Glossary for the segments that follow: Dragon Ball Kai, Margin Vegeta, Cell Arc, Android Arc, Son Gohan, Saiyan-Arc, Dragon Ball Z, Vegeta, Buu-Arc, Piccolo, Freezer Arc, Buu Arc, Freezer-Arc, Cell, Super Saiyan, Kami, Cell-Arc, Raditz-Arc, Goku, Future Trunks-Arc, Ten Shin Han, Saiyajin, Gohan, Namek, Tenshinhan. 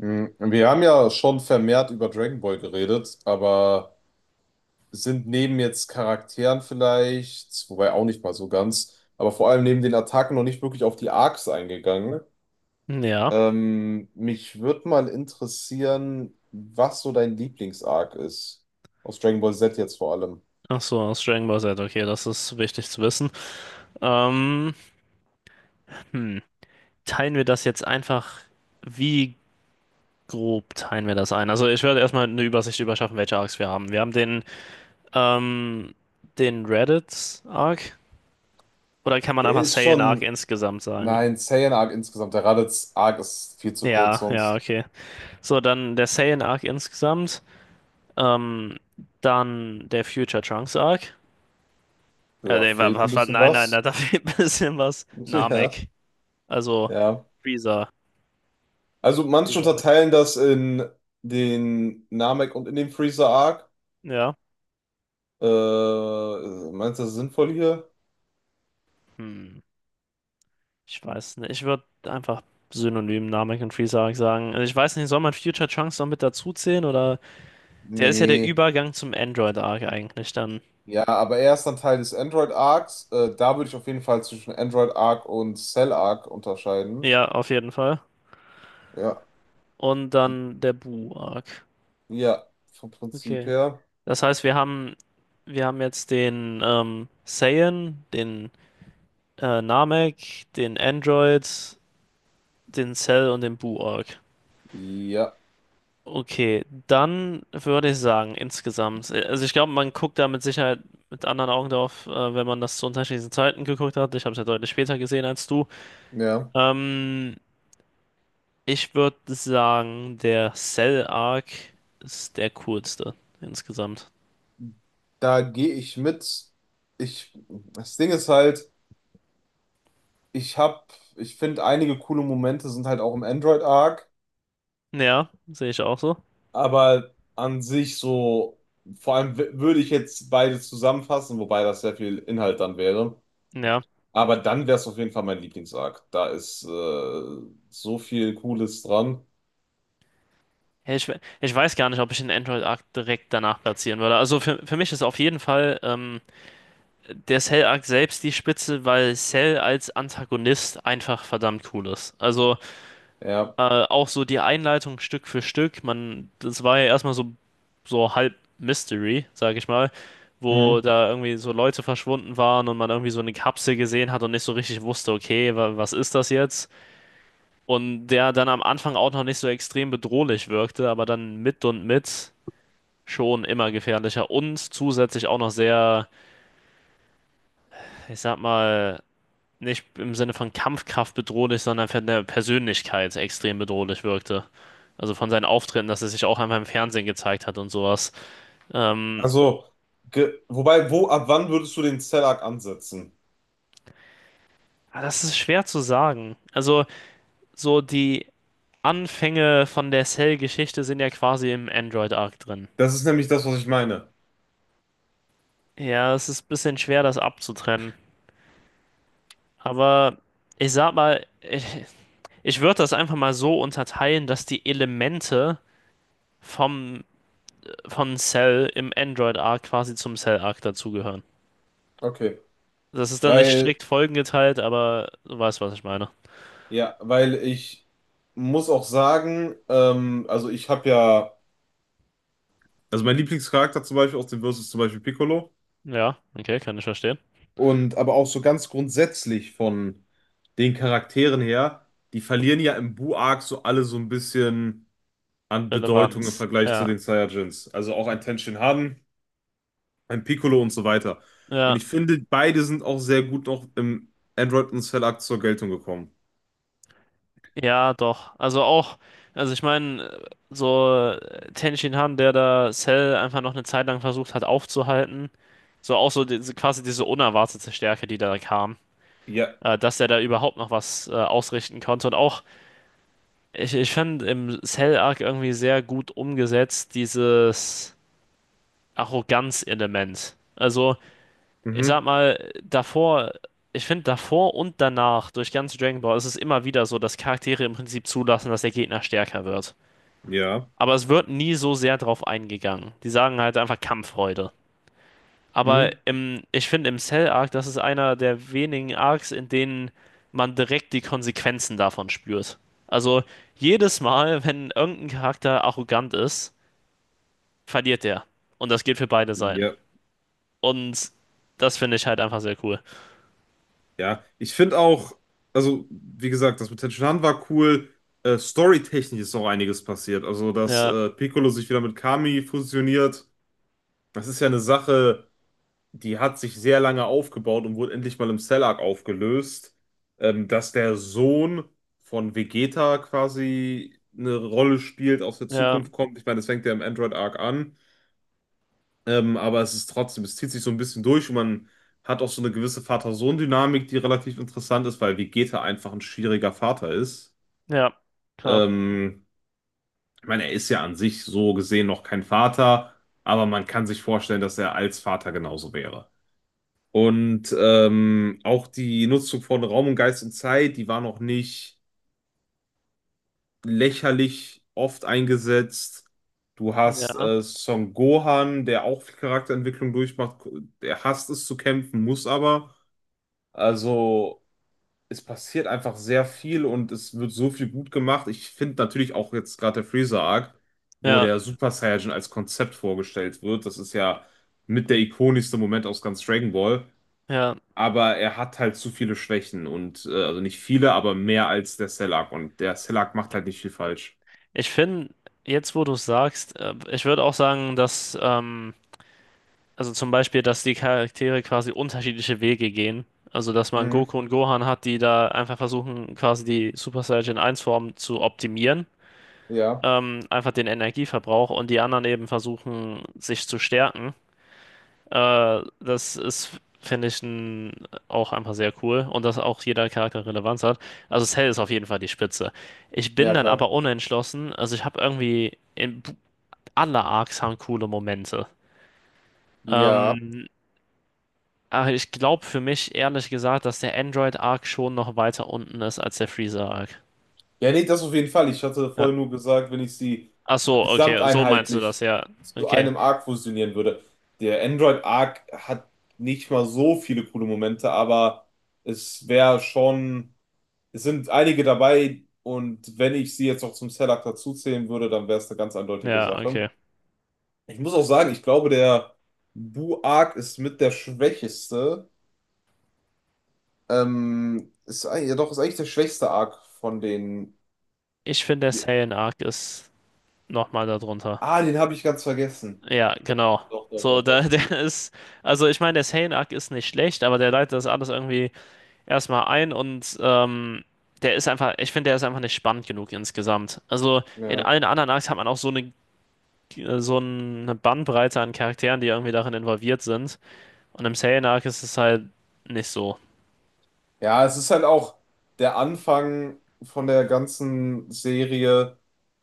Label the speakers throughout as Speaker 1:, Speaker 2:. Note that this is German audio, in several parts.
Speaker 1: Wir haben ja schon vermehrt über Dragon Ball geredet, aber sind neben jetzt Charakteren vielleicht, wobei auch nicht mal so ganz, aber vor allem neben den Attacken noch nicht wirklich auf die Arcs eingegangen.
Speaker 2: Ja,
Speaker 1: Mich würde mal interessieren, was so dein Lieblings-Arc ist. Aus Dragon Ball Z jetzt vor allem.
Speaker 2: ach so, aus Dragon Ball Z, okay, das ist wichtig zu wissen. Ähm, hm. Teilen wir das jetzt einfach, wie grob teilen wir das ein? Also ich werde erstmal eine Übersicht überschaffen, welche Arcs wir haben. Wir haben den, ähm, den Reddit-Arc, oder kann man
Speaker 1: Der
Speaker 2: einfach
Speaker 1: ist
Speaker 2: Saiyan-Arc
Speaker 1: schon,
Speaker 2: insgesamt sagen?
Speaker 1: nein, Saiyan-Arc insgesamt. Der Raditz-Arc ist viel zu kurz,
Speaker 2: Ja, ja,
Speaker 1: sonst
Speaker 2: okay. So, dann der Saiyan-Arc insgesamt, ähm, dann der Future Trunks-Arc.
Speaker 1: ja,
Speaker 2: Nee,
Speaker 1: fehlt ein bisschen
Speaker 2: nein, nein, da
Speaker 1: was.
Speaker 2: da fehlt ein bisschen was.
Speaker 1: Ja,
Speaker 2: Namek. Also
Speaker 1: ja.
Speaker 2: Freezer.
Speaker 1: Also manche
Speaker 2: Freezerg.
Speaker 1: unterteilen das in den Namek und in den Freezer Arc.
Speaker 2: Ja.
Speaker 1: Äh, Meinst du das sinnvoll hier?
Speaker 2: Hm. Ich weiß nicht. Ich würde einfach synonym Namek und Freezer sagen. Also ich weiß nicht, soll man Future Trunks noch mit dazu zählen oder der ist ja der
Speaker 1: Nee.
Speaker 2: Übergang zum Android Arc eigentlich dann.
Speaker 1: Ja, aber er ist dann Teil des Android Arcs. Da würde ich auf jeden Fall zwischen Android Arc und Cell Arc unterscheiden.
Speaker 2: Ja, auf jeden Fall.
Speaker 1: Ja.
Speaker 2: Und dann der Buu Arc.
Speaker 1: Ja, vom Prinzip
Speaker 2: Okay.
Speaker 1: her.
Speaker 2: Das heißt, wir haben jetzt den Saiyan, den Namek, den Android, den Cell und den Buu Arc.
Speaker 1: Ja,
Speaker 2: Okay, dann würde ich sagen, insgesamt. Also ich glaube, man guckt da mit Sicherheit mit anderen Augen drauf, wenn man das zu unterschiedlichen Zeiten geguckt hat. Ich habe es ja deutlich später gesehen als du.
Speaker 1: ja.
Speaker 2: Ähm, ich würde sagen, der Cell-Arc ist der coolste insgesamt.
Speaker 1: Da gehe ich mit. Ich, das Ding ist halt, ich finde einige coole Momente sind halt auch im Android Arc.
Speaker 2: Ja, sehe ich auch so.
Speaker 1: Aber an sich so, vor allem würde ich jetzt beides zusammenfassen, wobei das sehr viel Inhalt dann wäre.
Speaker 2: Ja.
Speaker 1: Aber dann wäre es auf jeden Fall mein Lieblingsarc. Da ist so viel Cooles dran.
Speaker 2: Ja, ich weiß gar nicht, ob ich den Android-Arc direkt danach platzieren würde. Also für mich ist auf jeden Fall. Der Cell-Arc selbst die Spitze, weil Cell als Antagonist einfach verdammt cool ist. Also
Speaker 1: Ja.
Speaker 2: auch so die Einleitung Stück für Stück, man, das war ja erstmal so, so halb Mystery, sag ich mal, wo
Speaker 1: Mhm.
Speaker 2: da irgendwie so Leute verschwunden waren und man irgendwie so eine Kapsel gesehen hat und nicht so richtig wusste, okay, wa was ist das jetzt? Und der dann am Anfang auch noch nicht so extrem bedrohlich wirkte, aber dann mit und mit schon immer gefährlicher und zusätzlich auch noch sehr, ich sag mal, nicht im Sinne von Kampfkraft bedrohlich, sondern von der Persönlichkeit extrem bedrohlich wirkte. Also von seinen Auftritten, dass er sich auch einmal im Fernsehen gezeigt hat und sowas. Ähm,
Speaker 1: Also, wobei, wo, ab wann würdest du den Cell-Arc ansetzen?
Speaker 2: aber das ist schwer zu sagen. Also so die Anfänge von der Cell-Geschichte sind ja quasi im Android-Arc drin.
Speaker 1: Das ist nämlich das, was ich meine.
Speaker 2: Ja, es ist ein bisschen schwer, das abzutrennen. Aber ich sag mal, ich würde das einfach mal so unterteilen, dass die Elemente vom, von Cell im Android-Arc quasi zum Cell-Arc dazugehören.
Speaker 1: Okay.
Speaker 2: Das ist dann nicht
Speaker 1: Weil,
Speaker 2: strikt folgengeteilt, aber du weißt, was ich meine.
Speaker 1: ja, weil ich muss auch sagen, also ich habe ja, also mein Lieblingscharakter zum Beispiel aus dem Versus ist zum Beispiel Piccolo.
Speaker 2: Ja, okay, kann ich verstehen.
Speaker 1: Und aber auch so ganz grundsätzlich von den Charakteren her, die verlieren ja im Buu-Arc so alle so ein bisschen an Bedeutung im
Speaker 2: Relevanz.
Speaker 1: Vergleich zu
Speaker 2: Ja,
Speaker 1: den Saiyajins. Also auch ein Ten Shinhan, ein Piccolo und so weiter. Und
Speaker 2: ja,
Speaker 1: ich finde, beide sind auch sehr gut noch im Android und Cell-Arc zur Geltung gekommen.
Speaker 2: ja, doch. Also auch, also ich meine, so Ten Shin Han, der da Cell einfach noch eine Zeit lang versucht hat aufzuhalten, so auch so diese, quasi diese unerwartete Stärke, die da kam,
Speaker 1: Ja.
Speaker 2: dass der da überhaupt noch was ausrichten konnte und auch, ich fand im Cell-Arc irgendwie sehr gut umgesetzt dieses Arroganz-Element. Also ich sag
Speaker 1: Mhm.
Speaker 2: mal, davor, ich finde davor und danach durch ganz Dragon Ball ist es immer wieder so, dass Charaktere im Prinzip zulassen, dass der Gegner stärker wird.
Speaker 1: Ja.
Speaker 2: Aber es wird nie so sehr drauf eingegangen. Die sagen halt einfach Kampffreude. Aber
Speaker 1: Mhm.
Speaker 2: ich finde im Cell Arc, das ist einer der wenigen Arcs, in denen man direkt die Konsequenzen davon spürt. Also jedes Mal, wenn irgendein Charakter arrogant ist, verliert der. Und das gilt für beide Seiten.
Speaker 1: Ja.
Speaker 2: Und das finde ich halt einfach sehr cool.
Speaker 1: Ja, ich finde auch, also wie gesagt, das mit Tenshinhan war cool. Storytechnisch ist auch einiges passiert. Also, dass
Speaker 2: Ja,
Speaker 1: Piccolo sich wieder mit Kami fusioniert, das ist ja eine Sache, die hat sich sehr lange aufgebaut und wurde endlich mal im Cell Arc aufgelöst. Dass der Sohn von Vegeta quasi eine Rolle spielt, aus der
Speaker 2: ja.
Speaker 1: Zukunft kommt. Ich meine, das fängt ja im Android Arc an. Aber es ist trotzdem, es zieht sich so ein bisschen durch und man hat auch so eine gewisse Vater-Sohn-Dynamik, die relativ interessant ist, weil Vegeta einfach ein schwieriger Vater ist.
Speaker 2: Ja, klar.
Speaker 1: Ähm, Ich meine, er ist ja an sich so gesehen noch kein Vater, aber man kann sich vorstellen, dass er als Vater genauso wäre. Und auch die Nutzung von Raum und Geist und Zeit, die war noch nicht lächerlich oft eingesetzt. Du hast
Speaker 2: Ja,
Speaker 1: Son Gohan, der auch viel Charakterentwicklung durchmacht. Der hasst es zu kämpfen, muss aber. Also es passiert einfach sehr viel und es wird so viel gut gemacht. Ich finde natürlich auch jetzt gerade der Freezer-Arc, wo
Speaker 2: ja,
Speaker 1: der Super Saiyan als Konzept vorgestellt wird. Das ist ja mit der ikonischste Moment aus ganz Dragon Ball.
Speaker 2: ja.
Speaker 1: Aber er hat halt zu viele Schwächen und also nicht viele, aber mehr als der Cell-Arc. Und der Cell-Arc macht halt nicht viel falsch.
Speaker 2: Ich finde, jetzt wo du es sagst, ich würde auch sagen, dass also zum Beispiel, dass die Charaktere quasi unterschiedliche Wege gehen. Also, dass man
Speaker 1: Mhm.
Speaker 2: Goku und Gohan hat, die da einfach versuchen, quasi die Super Saiyan eins form zu optimieren.
Speaker 1: Ja,
Speaker 2: Einfach den Energieverbrauch und die anderen eben versuchen, sich zu stärken. Das ist, finde ich, auch einfach sehr cool und dass auch jeder Charakter Relevanz hat. Also Cell ist auf jeden Fall die Spitze. Ich bin
Speaker 1: ja
Speaker 2: dann
Speaker 1: klar.
Speaker 2: aber unentschlossen. Also ich habe irgendwie, in, alle Arcs haben coole Momente.
Speaker 1: Ja.
Speaker 2: Ähm, aber ich glaube für mich, ehrlich gesagt, dass der Android-Arc schon noch weiter unten ist als der Freezer-Arc.
Speaker 1: Ja, nee, das auf jeden Fall. Ich hatte
Speaker 2: Ja.
Speaker 1: vorhin nur gesagt, wenn ich sie
Speaker 2: Ach so, okay, so meinst du das,
Speaker 1: gesamteinheitlich
Speaker 2: ja.
Speaker 1: zu
Speaker 2: Okay,
Speaker 1: einem Arc fusionieren würde. Der Android Arc hat nicht mal so viele coole Momente, aber es wäre schon, es sind einige dabei und wenn ich sie jetzt noch zum Cell Arc dazuzählen würde, dann wäre es eine ganz eindeutige
Speaker 2: ja,
Speaker 1: Sache.
Speaker 2: okay.
Speaker 1: Ich muss auch sagen, ich glaube, der Bu Arc ist mit der schwächeste. Ist, ja doch, ist eigentlich der schwächste Arc von den
Speaker 2: Ich finde, der
Speaker 1: Die-
Speaker 2: Saiyan-Arc ist nochmal darunter.
Speaker 1: Ah, den habe ich ganz vergessen.
Speaker 2: Ja, genau.
Speaker 1: Doch, doch,
Speaker 2: So,
Speaker 1: doch,
Speaker 2: da,
Speaker 1: doch.
Speaker 2: der ist, also ich meine, der Sainak ist nicht schlecht, aber der leitet das alles irgendwie erstmal ein und der ist einfach, ich finde, der ist einfach nicht spannend genug insgesamt. Also in
Speaker 1: Ja.
Speaker 2: allen anderen Arcs hat man auch so eine Bandbreite an Charakteren, die irgendwie darin involviert sind. Und im Sainak ist es halt nicht so.
Speaker 1: Ja, es ist halt auch der Anfang von der ganzen Serie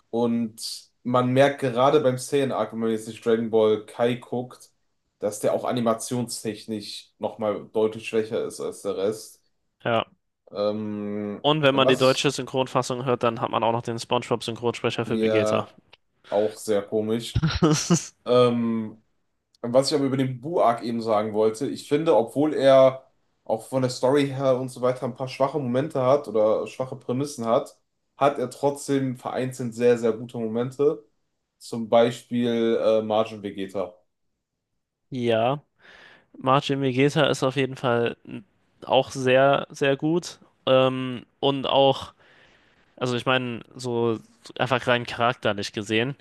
Speaker 1: und man merkt gerade beim Saiyan Arc, wenn man jetzt nicht Dragon Ball Kai guckt, dass der auch animationstechnisch nochmal deutlich schwächer ist als der Rest.
Speaker 2: Ja.
Speaker 1: Ähm,
Speaker 2: Und wenn man die
Speaker 1: Was
Speaker 2: deutsche
Speaker 1: ich
Speaker 2: Synchronfassung hört, dann hat man auch noch den SpongeBob-Synchronsprecher für Vegeta.
Speaker 1: ja auch sehr komisch. Ähm, Was ich aber über den Buak eben sagen wollte, ich finde, obwohl er auch von der Story her und so weiter ein paar schwache Momente hat oder schwache Prämissen hat, hat er trotzdem vereinzelt sehr, sehr gute Momente. Zum Beispiel Margin Vegeta.
Speaker 2: Ja. Marcin Vegeta ist auf jeden Fall auch sehr, sehr gut. Und auch, also ich meine, so einfach rein charakterlich gesehen,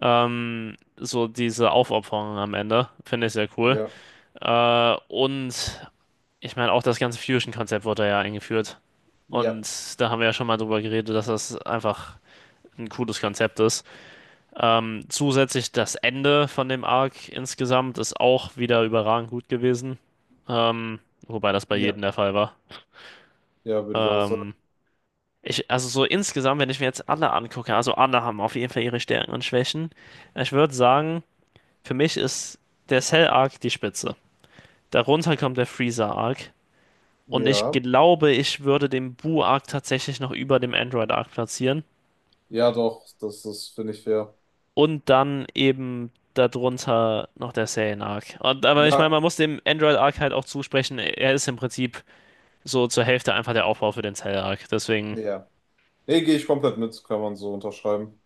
Speaker 2: so diese Aufopferung am Ende finde ich sehr cool.
Speaker 1: Ja,
Speaker 2: Und ich meine, auch das ganze Fusion-Konzept wurde ja eingeführt.
Speaker 1: ja,
Speaker 2: Und da haben wir ja schon mal drüber geredet, dass das einfach ein cooles Konzept ist. Zusätzlich das Ende von dem Arc insgesamt ist auch wieder überragend gut gewesen. Ähm, wobei das bei
Speaker 1: ja,
Speaker 2: jedem der Fall war.
Speaker 1: ja, würde ich auch sagen.
Speaker 2: Ähm, also so insgesamt, wenn ich mir jetzt alle angucke, also alle haben auf jeden Fall ihre Stärken und Schwächen. Ich würde sagen, für mich ist der Cell-Arc die Spitze. Darunter kommt der Freezer-Arc. Und ich
Speaker 1: Ja,
Speaker 2: glaube, ich würde den Boo-Arc tatsächlich noch über dem Android-Arc platzieren.
Speaker 1: ja, doch, das ist, finde ich, fair.
Speaker 2: Und dann eben darunter noch der Serien Arc. Und, aber ich meine,
Speaker 1: Ja,
Speaker 2: man muss dem Android Arc halt auch zusprechen, er ist im Prinzip so zur Hälfte einfach der Aufbau für den Cell Arc. Deswegen.
Speaker 1: ja. Nee, gehe ich komplett mit, kann man so unterschreiben.